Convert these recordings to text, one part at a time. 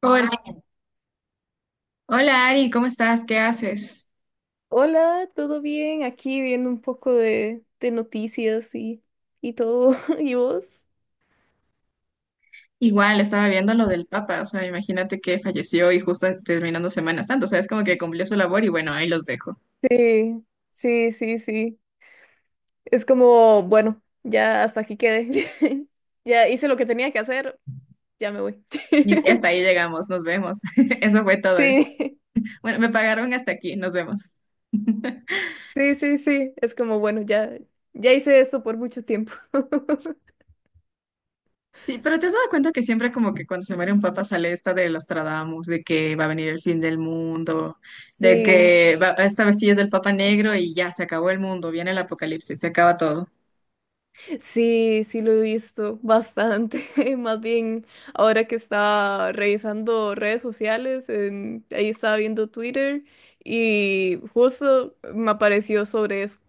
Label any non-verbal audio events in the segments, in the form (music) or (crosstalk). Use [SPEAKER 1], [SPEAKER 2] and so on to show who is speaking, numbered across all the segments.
[SPEAKER 1] Hola, hola Ari, ¿cómo estás? ¿Qué haces?
[SPEAKER 2] Hola, ¿todo bien? Aquí viendo un poco de noticias y todo. (laughs) ¿Y vos?
[SPEAKER 1] Igual, estaba viendo lo del Papa, o sea, imagínate que falleció y justo terminando Semana Santa, o sea, es como que cumplió su labor y bueno, ahí los dejo.
[SPEAKER 2] Sí, sí, sí, sí. Es como, bueno, ya hasta aquí quedé. (laughs) Ya hice lo que tenía que hacer, ya me voy.
[SPEAKER 1] Y
[SPEAKER 2] (laughs)
[SPEAKER 1] hasta ahí llegamos, nos vemos. (laughs) Eso fue todo.
[SPEAKER 2] Sí,
[SPEAKER 1] Bueno, me pagaron hasta aquí, nos vemos. (laughs)
[SPEAKER 2] sí, sí, sí. Es como, bueno, ya, ya hice esto por mucho tiempo. (laughs)
[SPEAKER 1] Sí, pero ¿te has dado cuenta que siempre como que cuando se muere un papa sale esta de Nostradamus, de que va a venir el fin del mundo,
[SPEAKER 2] Sí.
[SPEAKER 1] esta vez sí es del papa negro y ya se acabó el mundo, viene el apocalipsis, se acaba todo.
[SPEAKER 2] Sí, sí lo he visto bastante. (laughs) Más bien, ahora que estaba revisando redes sociales, ahí estaba viendo Twitter y justo me apareció sobre eso.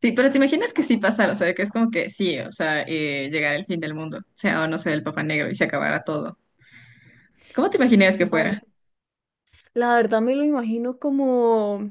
[SPEAKER 1] Sí, pero te imaginas que sí pasara, o sea, que es como que sí, o sea, llegar el fin del mundo, o sea, o no sé, el Papá Negro y se acabara todo. ¿Cómo te imaginas que
[SPEAKER 2] La,
[SPEAKER 1] fuera?
[SPEAKER 2] la verdad me lo imagino como...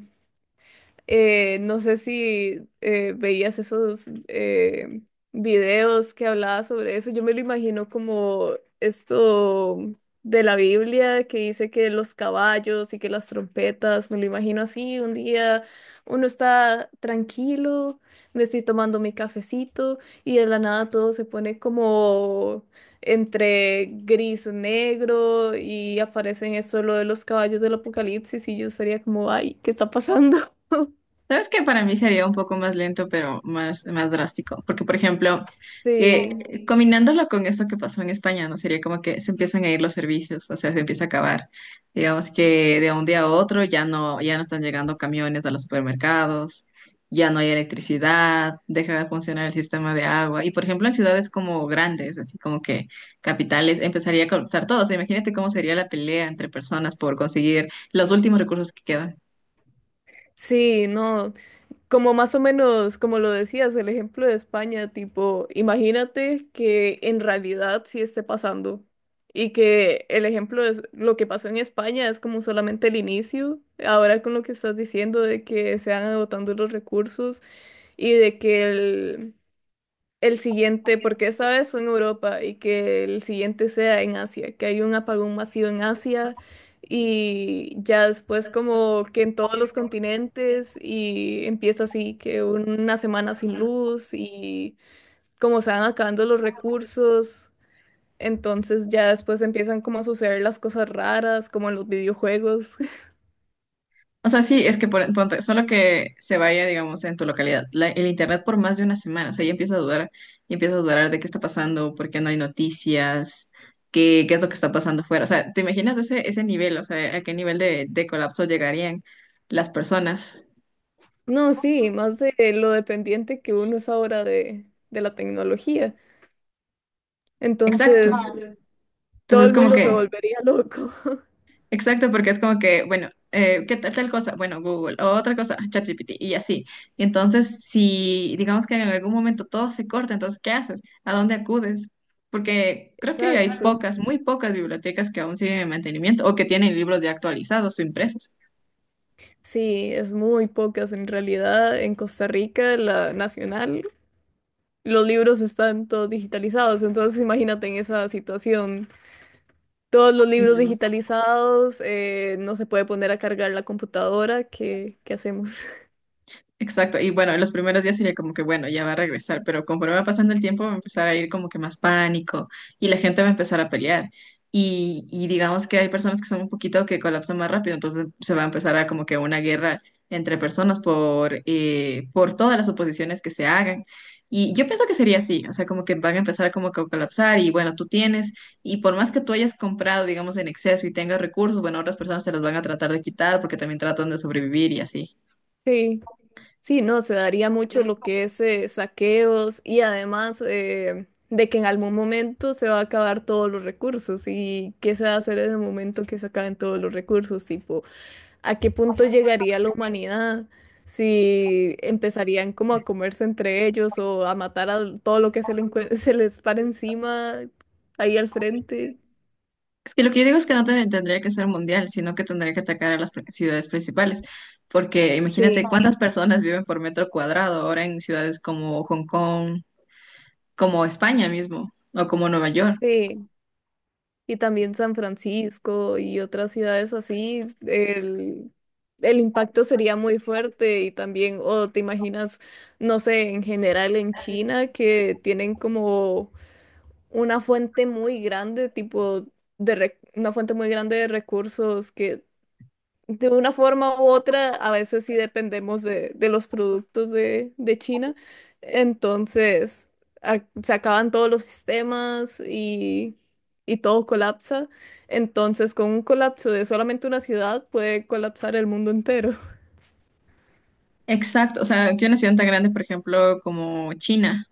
[SPEAKER 2] No sé si veías esos videos que hablaba sobre eso. Yo me lo imagino como esto de la Biblia que dice que los caballos y que las trompetas, me lo imagino así, un día uno está tranquilo, me estoy tomando mi cafecito y de la nada todo se pone como entre gris negro y aparecen esto lo de los caballos del apocalipsis y yo estaría como, ay, ¿qué está pasando? (laughs)
[SPEAKER 1] Sabes que para mí sería un poco más lento, pero más drástico, porque por ejemplo,
[SPEAKER 2] Sí,
[SPEAKER 1] combinándolo con esto que pasó en España, ¿no? Sería como que se empiezan a ir los servicios, o sea, se empieza a acabar. Digamos que de un día a otro ya no están llegando camiones a los supermercados, ya no hay electricidad, deja de funcionar el sistema de agua. Y por ejemplo, en ciudades como grandes, así como que capitales, empezaría a colapsar todo. O sea, imagínate cómo sería la pelea entre personas por conseguir los últimos recursos que quedan.
[SPEAKER 2] sí, no, como más o menos, como lo decías, el ejemplo de España, tipo, imagínate que en realidad sí esté pasando y que el ejemplo es lo que pasó en España es como solamente el inicio, ahora con lo que estás diciendo de que se van agotando los recursos y de que el siguiente, porque esta vez fue en Europa y que el siguiente sea en Asia, que hay un apagón masivo en Asia y ya después como que en todos los continentes y empieza así, que una semana sin luz y como se van acabando los recursos, entonces ya después empiezan como a suceder las cosas raras, como en los videojuegos. (laughs)
[SPEAKER 1] O sea, sí, es que ponte, solo que se vaya, digamos, en tu localidad, el internet por más de una semana, o sea, ya empieza a dudar, y empieza a dudar de qué está pasando, por qué no hay noticias, qué es lo que está pasando fuera. O sea, ¿te imaginas ese nivel? O sea, ¿a qué nivel de colapso llegarían las personas?
[SPEAKER 2] No, sí, más de lo dependiente que uno es ahora de la tecnología.
[SPEAKER 1] Exacto.
[SPEAKER 2] Entonces, todo
[SPEAKER 1] Entonces,
[SPEAKER 2] el
[SPEAKER 1] como
[SPEAKER 2] mundo se
[SPEAKER 1] que,
[SPEAKER 2] volvería loco.
[SPEAKER 1] exacto, porque es como que, bueno, ¿qué tal tal cosa? Bueno, Google, o otra cosa, ChatGPT, y así. Y entonces, si digamos que en algún momento todo se corta, entonces, ¿qué haces? ¿A dónde acudes? Porque creo que hay
[SPEAKER 2] Exacto.
[SPEAKER 1] pocas, muy pocas bibliotecas que aún siguen en mantenimiento o que tienen libros ya actualizados o impresos.
[SPEAKER 2] Sí, es muy pocas en realidad. En Costa Rica, la nacional, los libros están todos digitalizados. Entonces, imagínate en esa situación. Todos los libros digitalizados, no se puede poner a cargar la computadora. ¿Qué, qué hacemos? (laughs)
[SPEAKER 1] Exacto, y bueno, en los primeros días sería como que, bueno, ya va a regresar, pero conforme va pasando el tiempo va a empezar a ir como que más pánico y la gente va a empezar a pelear. Y digamos que hay personas que son un poquito que colapsan más rápido, entonces se va a empezar a como que una guerra entre personas por todas las oposiciones que se hagan. Y yo pienso que sería así, o sea, como que van a empezar como que a colapsar y bueno, tú tienes, y por más que tú hayas comprado, digamos, en exceso y tengas recursos, bueno, otras personas te los van a tratar de quitar porque también tratan de sobrevivir y así.
[SPEAKER 2] Sí, sí, no, se daría mucho lo que es saqueos y además de que en algún momento se va a acabar todos los recursos. ¿Y qué se va a hacer en el momento que se acaben todos los recursos? Tipo, ¿a qué punto llegaría la humanidad si empezarían como a comerse entre ellos o a matar a todo lo que se, (laughs) se les para encima ahí al frente?
[SPEAKER 1] Es que lo que yo digo es que no te- tendría que ser mundial, sino que tendría que atacar a las ciudades principales, porque imagínate
[SPEAKER 2] Sí,
[SPEAKER 1] cuántas personas viven por metro cuadrado ahora en ciudades como Hong Kong, como España mismo, o como Nueva York.
[SPEAKER 2] sí. Y también San Francisco y otras ciudades así, el impacto sería muy fuerte y también, o te imaginas, no sé, en general en China que tienen como una fuente muy grande, tipo una fuente muy grande de recursos que... De una forma u otra, a veces sí dependemos de los productos de China. Entonces, se acaban todos los sistemas y todo colapsa. Entonces, con un colapso de solamente una ciudad, puede colapsar el mundo entero.
[SPEAKER 1] Exacto, o sea, que una ciudad tan grande, por ejemplo, como China.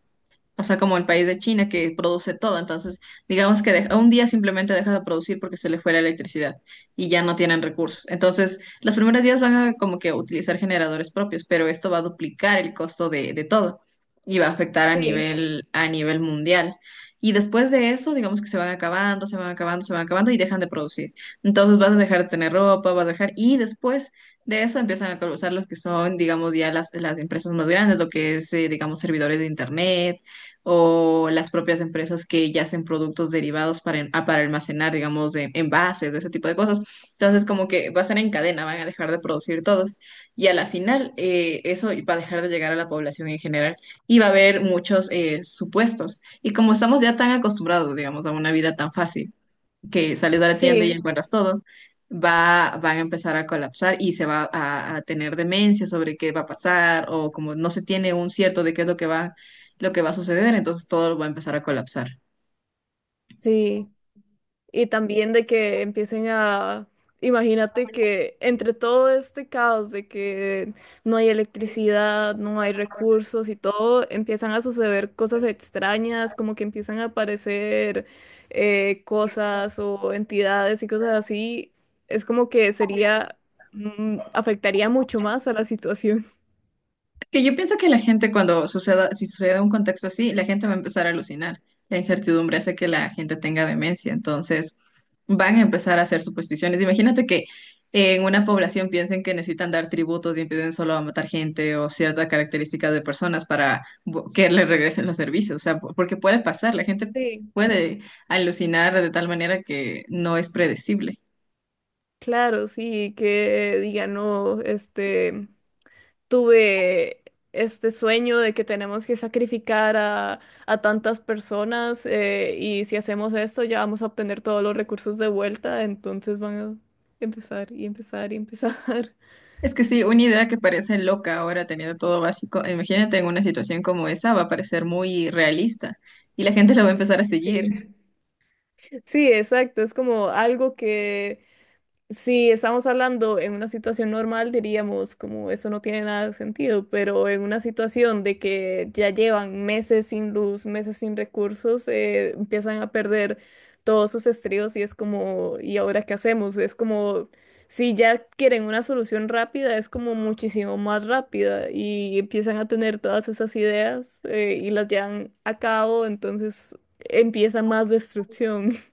[SPEAKER 1] O sea, como el país de China que produce todo. Entonces, digamos que un día simplemente deja de producir porque se le fue la electricidad y ya no tienen recursos. Entonces, los primeros días van a como que utilizar generadores propios, pero esto va a duplicar el costo de todo y va a afectar
[SPEAKER 2] Sí,
[SPEAKER 1] a nivel mundial. Y después de eso, digamos que se van acabando, se van acabando, se van acabando y dejan de producir. Entonces, vas a dejar de tener ropa, vas a dejar... Y después... De eso empiezan a colapsar los que son, digamos, ya las empresas más grandes, lo que es, digamos, servidores de internet, o las propias empresas que ya hacen productos derivados para, para almacenar, digamos, de envases, de ese tipo de cosas. Entonces, como que va a ser en cadena, van a dejar de producir todos y a la final eso va a dejar de llegar a la población en general y va a haber muchos supuestos. Y como estamos ya tan acostumbrados, digamos, a una vida tan fácil que sales a la tienda y
[SPEAKER 2] sí,
[SPEAKER 1] encuentras todo, van a empezar a colapsar y se va a tener demencia sobre qué va a pasar o como no se tiene un cierto de qué es lo que va a suceder, entonces todo va a empezar a colapsar.
[SPEAKER 2] sí. Y también de que empiecen a, imagínate que entre todo este caos de que no hay electricidad, no hay recursos y todo, empiezan a suceder cosas extrañas, como que empiezan a aparecer cosas o entidades y cosas así. Es como que sería, afectaría mucho más a la situación. (laughs)
[SPEAKER 1] Que yo pienso que la gente cuando suceda, si sucede un contexto así, la gente va a empezar a alucinar. La incertidumbre hace que la gente tenga demencia, entonces van a empezar a hacer supersticiones. Imagínate que en una población piensen que necesitan dar tributos y empiecen solo a matar gente o ciertas características de personas para que les regresen los servicios, o sea, porque puede pasar, la gente
[SPEAKER 2] Sí.
[SPEAKER 1] puede alucinar de tal manera que no es predecible.
[SPEAKER 2] Claro, sí, que digan, no, este... tuve este sueño de que tenemos que sacrificar a tantas personas y si hacemos esto ya vamos a obtener todos los recursos de vuelta, entonces van a empezar y empezar y empezar. (laughs)
[SPEAKER 1] Es que sí, una idea que parece loca ahora teniendo todo básico, imagínate en una situación como esa, va a parecer muy realista y la gente (laughs) la va a empezar a
[SPEAKER 2] Sí,
[SPEAKER 1] seguir.
[SPEAKER 2] sí, exacto, es como algo que... Si estamos hablando en una situación normal, diríamos como eso no tiene nada de sentido, pero en una situación de que ya llevan meses sin luz, meses sin recursos, empiezan a perder todos sus estribos y es como, ¿y ahora qué hacemos? Es como, si ya quieren una solución rápida, es como muchísimo más rápida y empiezan a tener todas esas ideas, y las llevan a cabo, entonces empieza más destrucción. (laughs)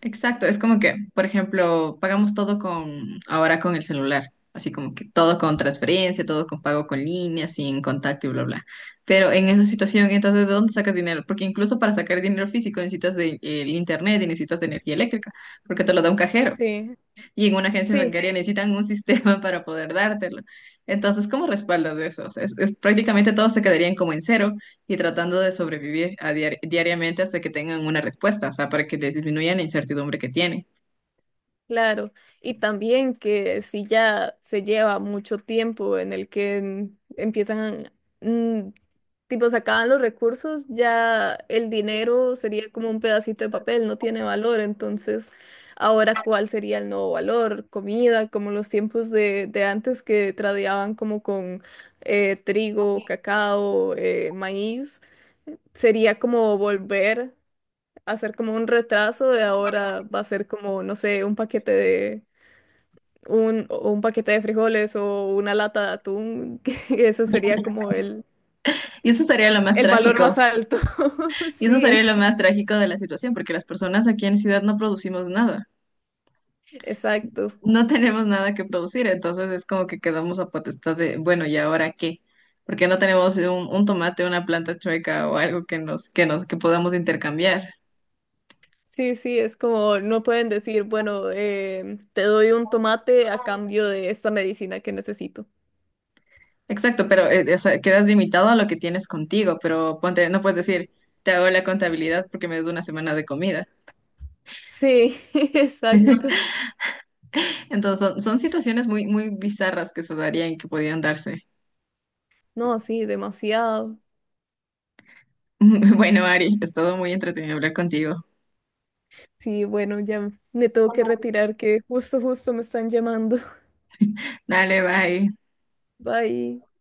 [SPEAKER 1] Exacto, es como que, por ejemplo, pagamos todo con ahora con el celular, así como que todo con transferencia, todo con pago con línea, sin contacto y bla, bla. Pero en esa situación, entonces, ¿de dónde sacas dinero? Porque incluso para sacar dinero físico necesitas el internet y necesitas de energía eléctrica, porque te lo da un cajero,
[SPEAKER 2] Sí,
[SPEAKER 1] y en una agencia
[SPEAKER 2] sí,
[SPEAKER 1] bancaria sí, necesitan un (laughs) sistema para poder dártelo. Entonces, ¿cómo respaldas eso? O sea, prácticamente todos se quedarían como en cero y tratando de sobrevivir a diariamente hasta que tengan una respuesta, o sea, para que les disminuya la incertidumbre que tienen.
[SPEAKER 2] claro, y también que si ya se lleva mucho tiempo en el que empiezan, mm, tipo, se acaban los recursos, ya el dinero sería como un pedacito de papel, no tiene valor, entonces ahora cuál sería el nuevo valor, comida, como los tiempos de antes que tradeaban como con trigo, cacao, maíz, sería como volver a hacer como un retraso de ahora va a ser como, no sé, un paquete de un, o un paquete de frijoles o una lata de atún, (laughs) que eso sería como
[SPEAKER 1] Y eso sería lo más
[SPEAKER 2] el valor más
[SPEAKER 1] trágico,
[SPEAKER 2] alto. (laughs)
[SPEAKER 1] y eso sería
[SPEAKER 2] Sí,
[SPEAKER 1] lo más trágico de la situación, porque las personas aquí en la ciudad no producimos nada,
[SPEAKER 2] exacto.
[SPEAKER 1] no tenemos nada que producir, entonces es como que quedamos a potestad de, bueno, ¿y ahora qué? Porque no tenemos un tomate, una planta chueca o algo que podamos intercambiar.
[SPEAKER 2] Sí, sí, es como no pueden decir, bueno, te doy un tomate a cambio de esta medicina que necesito.
[SPEAKER 1] Exacto, pero o sea, quedas limitado a lo que tienes contigo, pero ponte, no puedes decir, te hago la contabilidad porque me des una semana de comida.
[SPEAKER 2] Sí, (laughs) exacto.
[SPEAKER 1] Entonces, son situaciones muy, muy bizarras que se darían, que podían darse.
[SPEAKER 2] No, sí, demasiado.
[SPEAKER 1] (laughs) Bueno, Ari, es todo muy entretenido hablar contigo.
[SPEAKER 2] Sí, bueno, ya me tengo que retirar que justo, justo me están llamando.
[SPEAKER 1] Dale, bye.
[SPEAKER 2] (laughs) Bye.